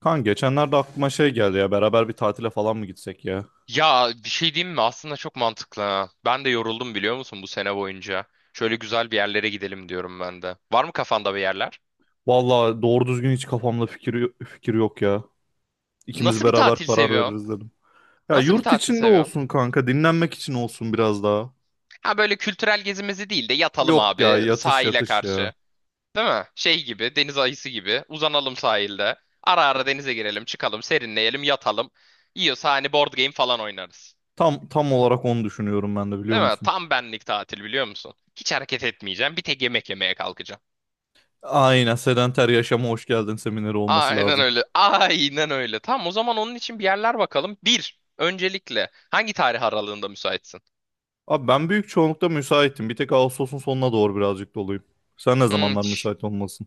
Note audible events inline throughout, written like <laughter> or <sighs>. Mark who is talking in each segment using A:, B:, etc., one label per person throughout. A: Kan geçenlerde aklıma şey geldi ya beraber bir tatile falan mı gitsek ya?
B: Ya bir şey diyeyim mi? Aslında çok mantıklı ha. Ben de yoruldum biliyor musun bu sene boyunca. Şöyle güzel bir yerlere gidelim diyorum ben de. Var mı kafanda bir yerler?
A: Vallahi doğru düzgün hiç kafamda fikir yok ya. İkimiz
B: Nasıl bir
A: beraber
B: tatil
A: karar
B: seviyorsun?
A: veririz dedim. Ya
B: Nasıl bir
A: yurt
B: tatil
A: içinde
B: seviyorsun?
A: olsun kanka dinlenmek için olsun biraz daha.
B: Ha böyle kültürel gezimizi değil de yatalım
A: Yok ya
B: abi
A: yatış
B: sahile
A: yatış ya.
B: karşı. Değil mi? Şey gibi, deniz ayısı gibi. Uzanalım sahilde. Ara ara denize girelim, çıkalım, serinleyelim, yatalım. Yiyorsa hani board game falan oynarız.
A: Tam olarak onu düşünüyorum ben de biliyor
B: Değil mi?
A: musun?
B: Tam benlik tatil biliyor musun? Hiç hareket etmeyeceğim. Bir tek yemek yemeye kalkacağım.
A: Aynen sedenter yaşama hoş geldin semineri olması
B: Aynen
A: lazım.
B: öyle. Aynen öyle. Tamam o zaman onun için bir yerler bakalım. Bir, öncelikle hangi tarih aralığında müsaitsin?
A: Abi ben büyük çoğunlukta müsaitim. Bir tek Ağustos'un sonuna doğru birazcık doluyum. Sen ne
B: Hmm,
A: zamanlar
B: ç-
A: müsait olmalısın?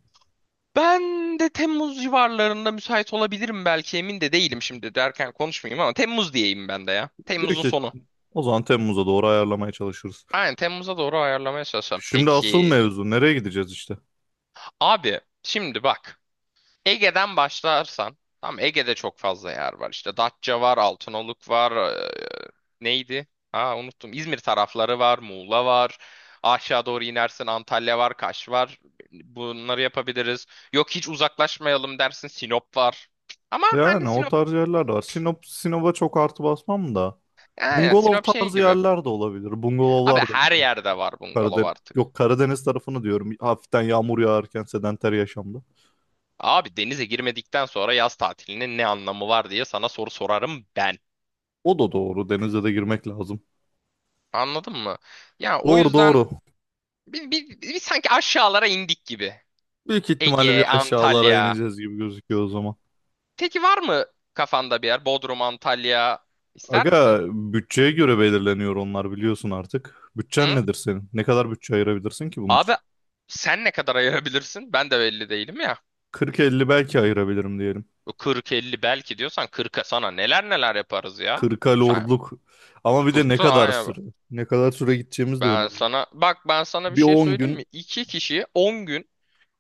B: ben de Temmuz civarlarında müsait olabilirim belki emin de değilim şimdi derken konuşmayayım ama Temmuz diyeyim ben de ya. Temmuz'un
A: Büyük ihtim-
B: sonu.
A: o zaman Temmuz'a doğru ayarlamaya çalışırız.
B: Aynen Temmuz'a doğru ayarlamaya çalışacağım.
A: Şimdi asıl
B: Peki.
A: mevzu nereye gideceğiz işte?
B: Abi şimdi bak. Ege'den başlarsan, tam Ege'de çok fazla yer var. İşte Datça var, Altınoluk var, neydi? Ha unuttum. İzmir tarafları var, Muğla var. Aşağı doğru inersin Antalya var, Kaş var. Bunları yapabiliriz. Yok hiç uzaklaşmayalım dersin Sinop var. Ama hani
A: Yani o
B: Sinop,
A: tarz yerler de var. Sinop'a çok artı basmam da.
B: yani
A: Bungalov
B: Sinop şey
A: tarzı
B: gibi.
A: yerler de olabilir.
B: Abi
A: Bungalovlar da
B: her
A: güzel.
B: yerde var bungalov
A: Karadeniz,
B: artık.
A: yok Karadeniz tarafını diyorum. Hafiften yağmur yağarken sedanter yaşamda.
B: Abi denize girmedikten sonra yaz tatilinin ne anlamı var diye sana soru sorarım ben.
A: O da doğru. Denize de girmek lazım.
B: Anladın mı? Ya o
A: Doğru
B: yüzden
A: doğru.
B: biz sanki aşağılara indik gibi.
A: Büyük ihtimalle bir
B: Ege,
A: aşağılara
B: Antalya.
A: ineceğiz gibi gözüküyor o zaman.
B: Peki var mı kafanda bir yer? Bodrum, Antalya ister misin?
A: Aga bütçeye göre belirleniyor onlar biliyorsun artık. Bütçen
B: Hı?
A: nedir senin? Ne kadar bütçe ayırabilirsin ki bunun
B: Abi
A: için?
B: sen ne kadar ayırabilirsin? Ben de belli değilim ya.
A: 40-50 belki ayırabilirim diyelim.
B: Bu 40-50 belki diyorsan 40'a sana neler neler yaparız ya.
A: Kırka
B: Sen
A: lordluk. Ama bir de ne
B: kurtu
A: kadar
B: hayır.
A: süre? Ne kadar süre gideceğimiz de
B: Ben
A: önemli.
B: sana bak ben sana bir
A: Bir
B: şey
A: on
B: söyleyeyim mi?
A: gün
B: İki kişi 10 gün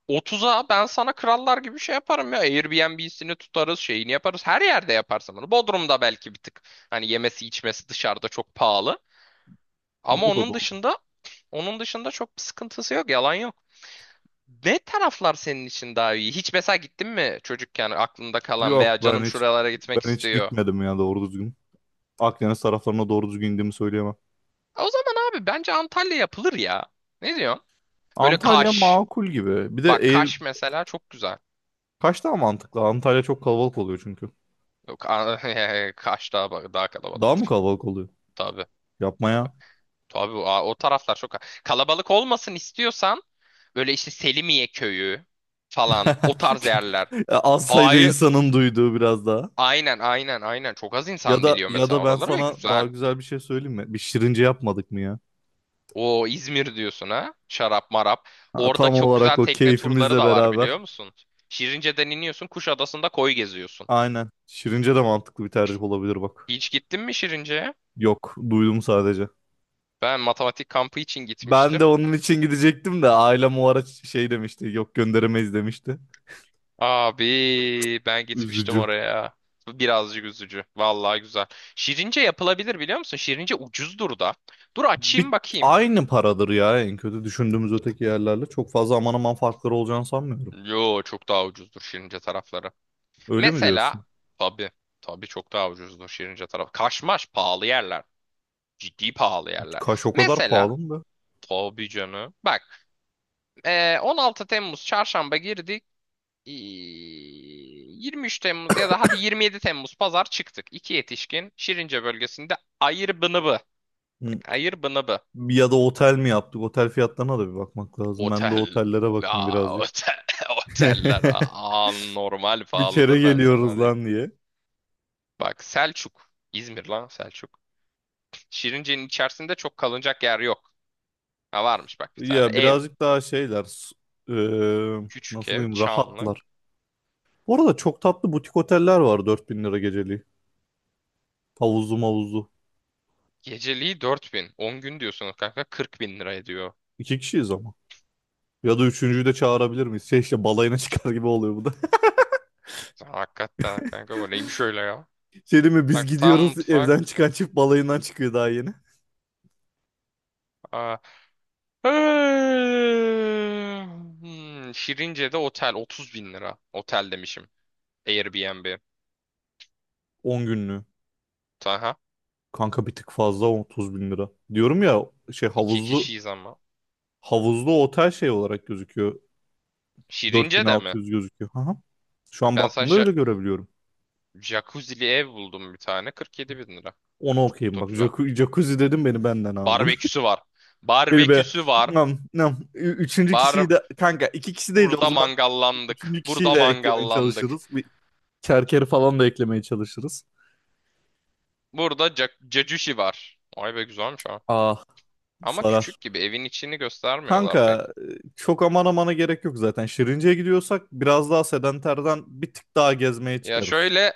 B: Otuz'a ben sana krallar gibi şey yaparım ya. Airbnb'sini tutarız, şeyini yaparız. Her yerde yaparsın bunu. Bodrum'da belki bir tık. Hani yemesi içmesi dışarıda çok pahalı. Ama
A: O da
B: onun
A: doğru.
B: dışında onun dışında çok bir sıkıntısı yok. Yalan yok. Ne taraflar senin için daha iyi? Hiç mesela gittin mi çocukken aklında kalan
A: Yok
B: veya
A: ben
B: canım
A: hiç
B: şuralara gitmek
A: ben hiç
B: istiyor.
A: gitmedim ya doğru düzgün. Akdeniz taraflarına doğru düzgün indiğimi söyleyemem.
B: O zaman abi bence Antalya yapılır ya. Ne diyorsun? Böyle
A: Antalya
B: Kaş.
A: makul gibi. Bir de
B: Bak
A: eğer
B: Kaş mesela çok güzel.
A: kaç daha mantıklı? Antalya çok kalabalık oluyor çünkü.
B: Yok, <laughs> Kaş daha kalabalık
A: Daha mı kalabalık oluyor?
B: tabii.
A: Yapma
B: Tabii.
A: ya.
B: Tabii o taraflar çok kalabalık olmasın istiyorsan böyle işte Selimiye köyü falan o
A: <laughs>
B: tarz yerler.
A: Az sayıda
B: Hayır.
A: insanın duyduğu biraz daha.
B: Aynen aynen aynen çok az
A: Ya
B: insan
A: da
B: biliyor
A: ya
B: mesela
A: da ben
B: oraları ve
A: sana daha
B: güzel.
A: güzel bir şey söyleyeyim mi? Bir şirince yapmadık mı ya?
B: O İzmir diyorsun ha şarap marap.
A: Ha,
B: Orada
A: tam
B: çok güzel
A: olarak o
B: tekne turları
A: keyfimizle
B: da var biliyor
A: beraber.
B: musun? Şirince'den iniyorsun Kuşadası'nda koy geziyorsun.
A: Aynen. Şirince de mantıklı bir tercih olabilir bak.
B: Hiç gittin mi Şirince'ye?
A: Yok, duydum sadece.
B: Ben matematik kampı için
A: Ben de
B: gitmiştim.
A: onun için gidecektim de ailem o ara şey demişti, yok gönderemeyiz demişti.
B: Abi ben gitmiştim
A: Üzücü.
B: oraya. Birazcık üzücü. Vallahi güzel. Şirince yapılabilir biliyor musun? Şirince ucuzdur da. Dur
A: Bir,
B: açayım bakayım.
A: aynı paradır ya en kötü düşündüğümüz öteki yerlerle. Çok fazla aman aman farkları olacağını sanmıyorum.
B: Yo çok daha ucuzdur Şirince tarafları.
A: Öyle mi
B: Mesela
A: diyorsun?
B: tabii tabii çok daha ucuzdur Şirince tarafı. Kaşmaş pahalı yerler. Ciddi pahalı yerler.
A: Kaş o kadar
B: Mesela
A: pahalı mı?
B: tabii canım. Bak 16 Temmuz çarşamba girdik. 23 Temmuz ya da hadi 27 Temmuz pazar çıktık. İki yetişkin Şirince bölgesinde Ayırbınıbı.
A: Be? Hı.
B: Ayırbınıbı.
A: Ya da otel mi yaptık? Otel fiyatlarına da bir bakmak lazım. Ben de
B: Otel.
A: otellere
B: La,
A: bakayım birazcık.
B: otel. <laughs>
A: <laughs>
B: Oteller aa, normal
A: Bir kere
B: pahalıdır ben sana
A: geliyoruz
B: diyeyim.
A: lan diye.
B: Bak Selçuk. İzmir lan Selçuk. Şirince'nin içerisinde çok kalınacak yer yok. Ha varmış bak bir tane
A: Ya
B: ev.
A: birazcık daha
B: Küçük
A: nasıl
B: ev.
A: diyeyim
B: Çamlık.
A: rahatlar. Bu arada çok tatlı butik oteller var 4.000 lira geceliği. Havuzlu mavuzlu.
B: Geceliği 4.000. 10 gün diyorsunuz kanka 40 bin lira ediyor.
A: İki kişiyiz ama. Ya da üçüncüyü de çağırabilir miyiz? Şey işte balayına <laughs> çıkar gibi oluyor bu da.
B: Hakikaten kanka bu neymiş öyle ya.
A: <laughs> Şey değil mi biz
B: Bak tam
A: gidiyoruz
B: mutfak.
A: evden çıkan çift balayından çıkıyor daha yeni.
B: Aa. <sighs> Şirince'de otel 30 bin lira. Otel demişim. Airbnb.
A: 10 günlüğü.
B: Aha.
A: Kanka bir tık fazla 30 bin lira. Diyorum ya şey
B: İki
A: havuzlu
B: kişiyiz ama.
A: havuzlu otel şey olarak gözüküyor.
B: Şirince'de mi?
A: 4.600 gözüküyor. Aha. Şu an
B: Ben sana
A: baktığımda öyle görebiliyorum.
B: jacuzzi'li ev buldum bir tane. 47 bin lira.
A: Onu okuyayım
B: Çok
A: bak.
B: güzel.
A: Jacuzzi dedim beni benden aldın.
B: Barbeküsü var.
A: <laughs> Beni be.
B: Barbeküsü var.
A: Nam, nam. Üçüncü kişiyi
B: Bar
A: de kanka iki kişi değil de o
B: burada
A: zaman
B: mangallandık.
A: üçüncü kişiyi
B: Burada
A: de eklemeye
B: mangallandık.
A: çalışırız. Bir kerkeri falan da eklemeye çalışırız.
B: Burada cacuşi var. Ay be güzelmiş ha.
A: Ah
B: Ama
A: sarar.
B: küçük gibi evin içini göstermiyorlar
A: Kanka
B: pek.
A: e, çok aman amana gerek yok zaten. Şirince'ye gidiyorsak biraz daha sedenterden bir tık daha gezmeye
B: Ya
A: çıkarız.
B: şöyle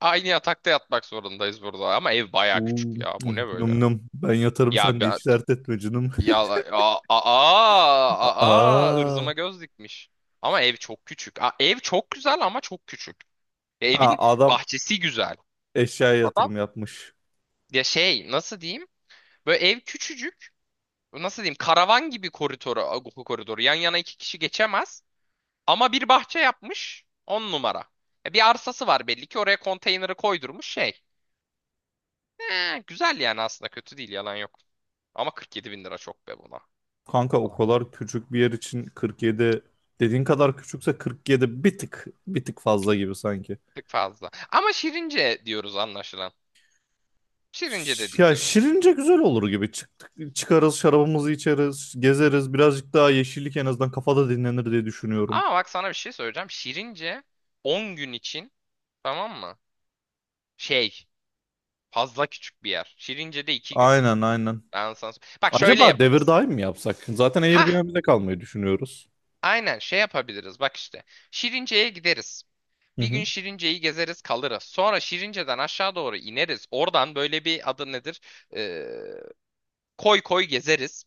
B: aynı yatakta yatmak zorundayız burada ama ev baya küçük
A: Uuu
B: ya. Bu
A: num
B: ne
A: num
B: böyle?
A: num. Ben yatarım sen
B: Ya
A: de
B: ben
A: hiç dert etme canım.
B: ya aa aa
A: <laughs>
B: aa
A: Aa.
B: ırzıma göz dikmiş. Ama ev çok küçük. Aa, ev çok güzel ama çok küçük. Ya
A: Ha
B: evin
A: adam
B: bahçesi güzel.
A: eşyaya
B: Adam
A: yatırım yapmış.
B: ya şey nasıl diyeyim? Böyle ev küçücük. Nasıl diyeyim? Karavan gibi koridoru. Yan yana iki kişi geçemez. Ama bir bahçe yapmış. On numara. Bir arsası var belli ki oraya konteyneri koydurmuş şey. Güzel yani aslında kötü değil yalan yok. Ama 47 bin lira çok be buna.
A: Kanka o
B: Yalan yok.
A: kadar küçük bir yer için 47 dediğin kadar küçükse 47 bir tık fazla gibi sanki.
B: Çok fazla. Ama Şirince diyoruz anlaşılan. Şirince dedik
A: Ya
B: gibi.
A: şirince güzel olur gibi. Çıktık, çıkarız şarabımızı içeriz, gezeriz. Birazcık daha yeşillik en azından kafada dinlenir diye düşünüyorum.
B: Ama bak sana bir şey söyleyeceğim. Şirince 10 gün için tamam mı? Şey fazla küçük bir yer. Şirince'de 2 gün.
A: Aynen aynen.
B: Ben sana... Bak şöyle
A: Acaba devir
B: yaparız.
A: daim mi yapsak? Zaten
B: Hah
A: Airbnb'de kalmayı düşünüyoruz.
B: aynen şey yapabiliriz bak işte. Şirince'ye gideriz.
A: Hı
B: Bir gün
A: hı.
B: Şirince'yi gezeriz kalırız. Sonra Şirince'den aşağı doğru ineriz. Oradan böyle bir adı nedir? Ee, Koy koy gezeriz.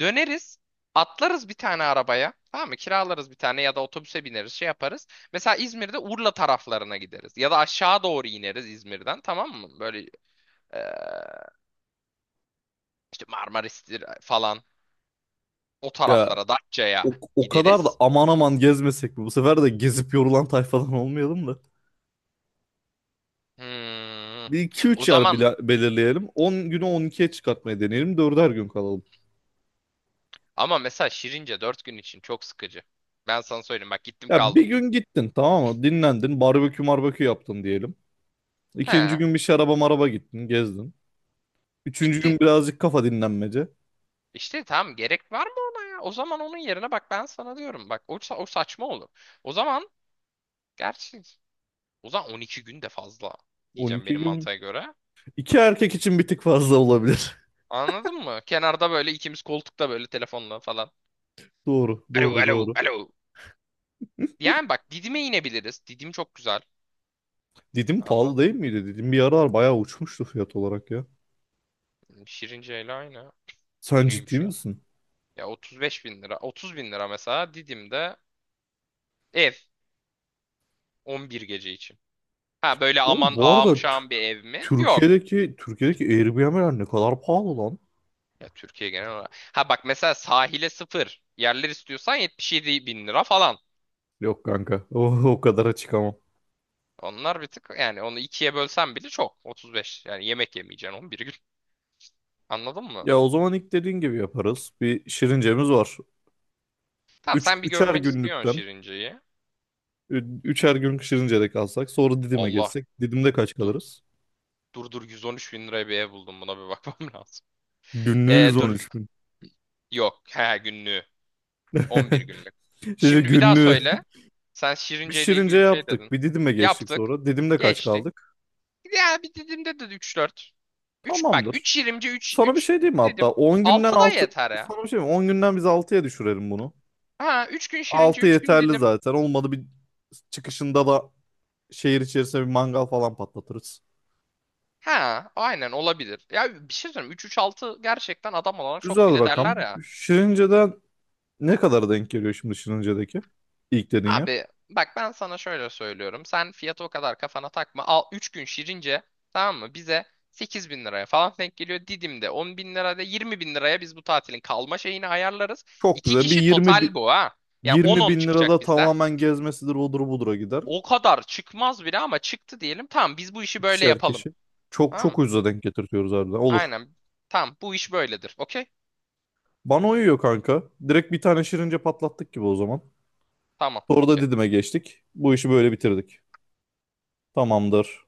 B: Döneriz. Atlarız bir tane arabaya. Tamam mı? Kiralarız bir tane ya da otobüse bineriz şey yaparız. Mesela İzmir'de Urla taraflarına gideriz. Ya da aşağı doğru ineriz İzmir'den tamam mı? Böyle eee, işte Marmaris'tir falan o
A: Ya
B: taraflara Datça'ya
A: o, o kadar da
B: gideriz.
A: aman aman gezmesek mi? Bu sefer de gezip yorulan tayfadan olmayalım da.
B: Hmm.
A: Bir iki
B: O
A: üç yer
B: zaman
A: belirleyelim. 10 günü 12'ye çıkartmayı deneyelim. 4'er gün kalalım.
B: ama mesela Şirince 4 gün için çok sıkıcı. Ben sana söyleyeyim bak gittim
A: Ya bir
B: kaldım.
A: gün gittin tamam mı? Dinlendin. Barbekü marbekü yaptın diyelim. İkinci
B: He,
A: gün bir şaraba maraba gittin. Gezdin. Üçüncü gün
B: bitti.
A: birazcık kafa dinlenmece.
B: İşte tamam gerek var mı ona ya? O zaman onun yerine bak ben sana diyorum. Bak o saçma olur. O zaman gerçi o zaman 12 gün de fazla
A: on
B: diyeceğim
A: iki
B: benim
A: gün.
B: mantığa göre.
A: İki erkek için bir tık fazla olabilir. <laughs>
B: Anladın mı? Kenarda böyle ikimiz koltukta böyle telefonla falan.
A: Doğru,
B: Alo
A: doğru,
B: alo
A: doğru.
B: alo. Yani bak Didim'e inebiliriz. Didim çok güzel.
A: Didim pahalı
B: Anladım.
A: değil miydi? Didim bir aralar bayağı uçmuştu fiyat olarak ya.
B: Şirince ile aynı. Bu
A: Sen ciddi
B: neymiş ya?
A: misin?
B: Ya 35 bin lira. 30 bin lira mesela Didim'de ev. 11 gece için. Ha böyle aman
A: Oğlum bu
B: ağam
A: arada t-
B: şam bir ev mi? Yok.
A: Türkiye'deki Türkiye'deki Airbnb'ler ne kadar pahalı lan?
B: Ya Türkiye genel olarak. Ha bak mesela sahile sıfır yerler istiyorsan 77 bin lira falan.
A: Yok kanka. O kadar açık ama.
B: Onlar bir tık yani onu ikiye bölsen bile çok. 35 yani yemek yemeyeceksin 11 gün. Anladın mı?
A: Ya o zaman ilk dediğin gibi yaparız. Bir şirincemiz var.
B: Tamam sen bir
A: Üçer
B: görmek istiyorsun
A: günlükten.
B: Şirince'yi.
A: Üçer günlük şirincede kalsak. Sonra Didim'e
B: Allah
A: geçsek. Didim'de kaç
B: dur.
A: kalırız?
B: Dur 113 bin liraya bir ev buldum buna bir bakmam <laughs> lazım.
A: Günlüğü
B: Dur.
A: 113 bin.
B: Yok. He günlüğü. 11
A: <laughs>
B: günlük.
A: Şimdi
B: Şimdi bir daha
A: günlüğü.
B: söyle. Sen
A: Bir
B: Şirince ile
A: şirince
B: ilgili bir şey
A: yaptık.
B: dedin.
A: Bir Didim'e geçtik
B: Yaptık.
A: sonra. Didim'de kaç
B: Geçti.
A: kaldık?
B: Ya bir dediğimde de üç dört. 3 bak
A: Tamamdır.
B: 3 şirince 3
A: Sana bir
B: 3
A: şey diyeyim mi
B: dedim.
A: hatta? 10 günden
B: 6 da
A: 6.
B: yeter ya.
A: Sana bir şey mi? 10 günden biz altıya düşürelim bunu.
B: Ha 3 gün şirince
A: 6
B: 3 gün
A: yeterli
B: dedim.
A: zaten. Olmadı bir çıkışında da şehir içerisinde bir mangal falan patlatırız.
B: Ha aynen olabilir. Ya bir şey söyleyeyim 3 3 6 gerçekten adam olana çok
A: Güzel
B: bile derler
A: rakam.
B: ya.
A: Şirince'den ne kadara denk geliyor şimdi Şirince'deki? İlk dediğin yer.
B: Abi bak ben sana şöyle söylüyorum. Sen fiyatı o kadar kafana takma. Al 3 gün şirince tamam mı? Bize 8 bin liraya falan denk geliyor. Didim'de 10 bin lirada 20 bin liraya biz bu tatilin kalma şeyini ayarlarız.
A: Çok
B: İki
A: güzel. Bir
B: kişi total bu ha. Yani
A: 20
B: 10-10
A: bin
B: çıkacak
A: lirada
B: bizden.
A: tamamen gezmesidir odur budura gider.
B: O kadar çıkmaz bile ama çıktı diyelim. Tamam biz bu işi böyle
A: İkişer
B: yapalım.
A: kişi. Çok çok
B: Tamam.
A: ucuza denk getirtiyoruz harbiden. Olur.
B: Aynen. Tamam. Bu iş böyledir. Okey?
A: Bana uyuyor kanka. Direkt bir tane Şirince patlattık gibi o zaman.
B: Tamam.
A: Sonra da
B: Okey.
A: Didim'e geçtik. Bu işi böyle bitirdik. Tamamdır.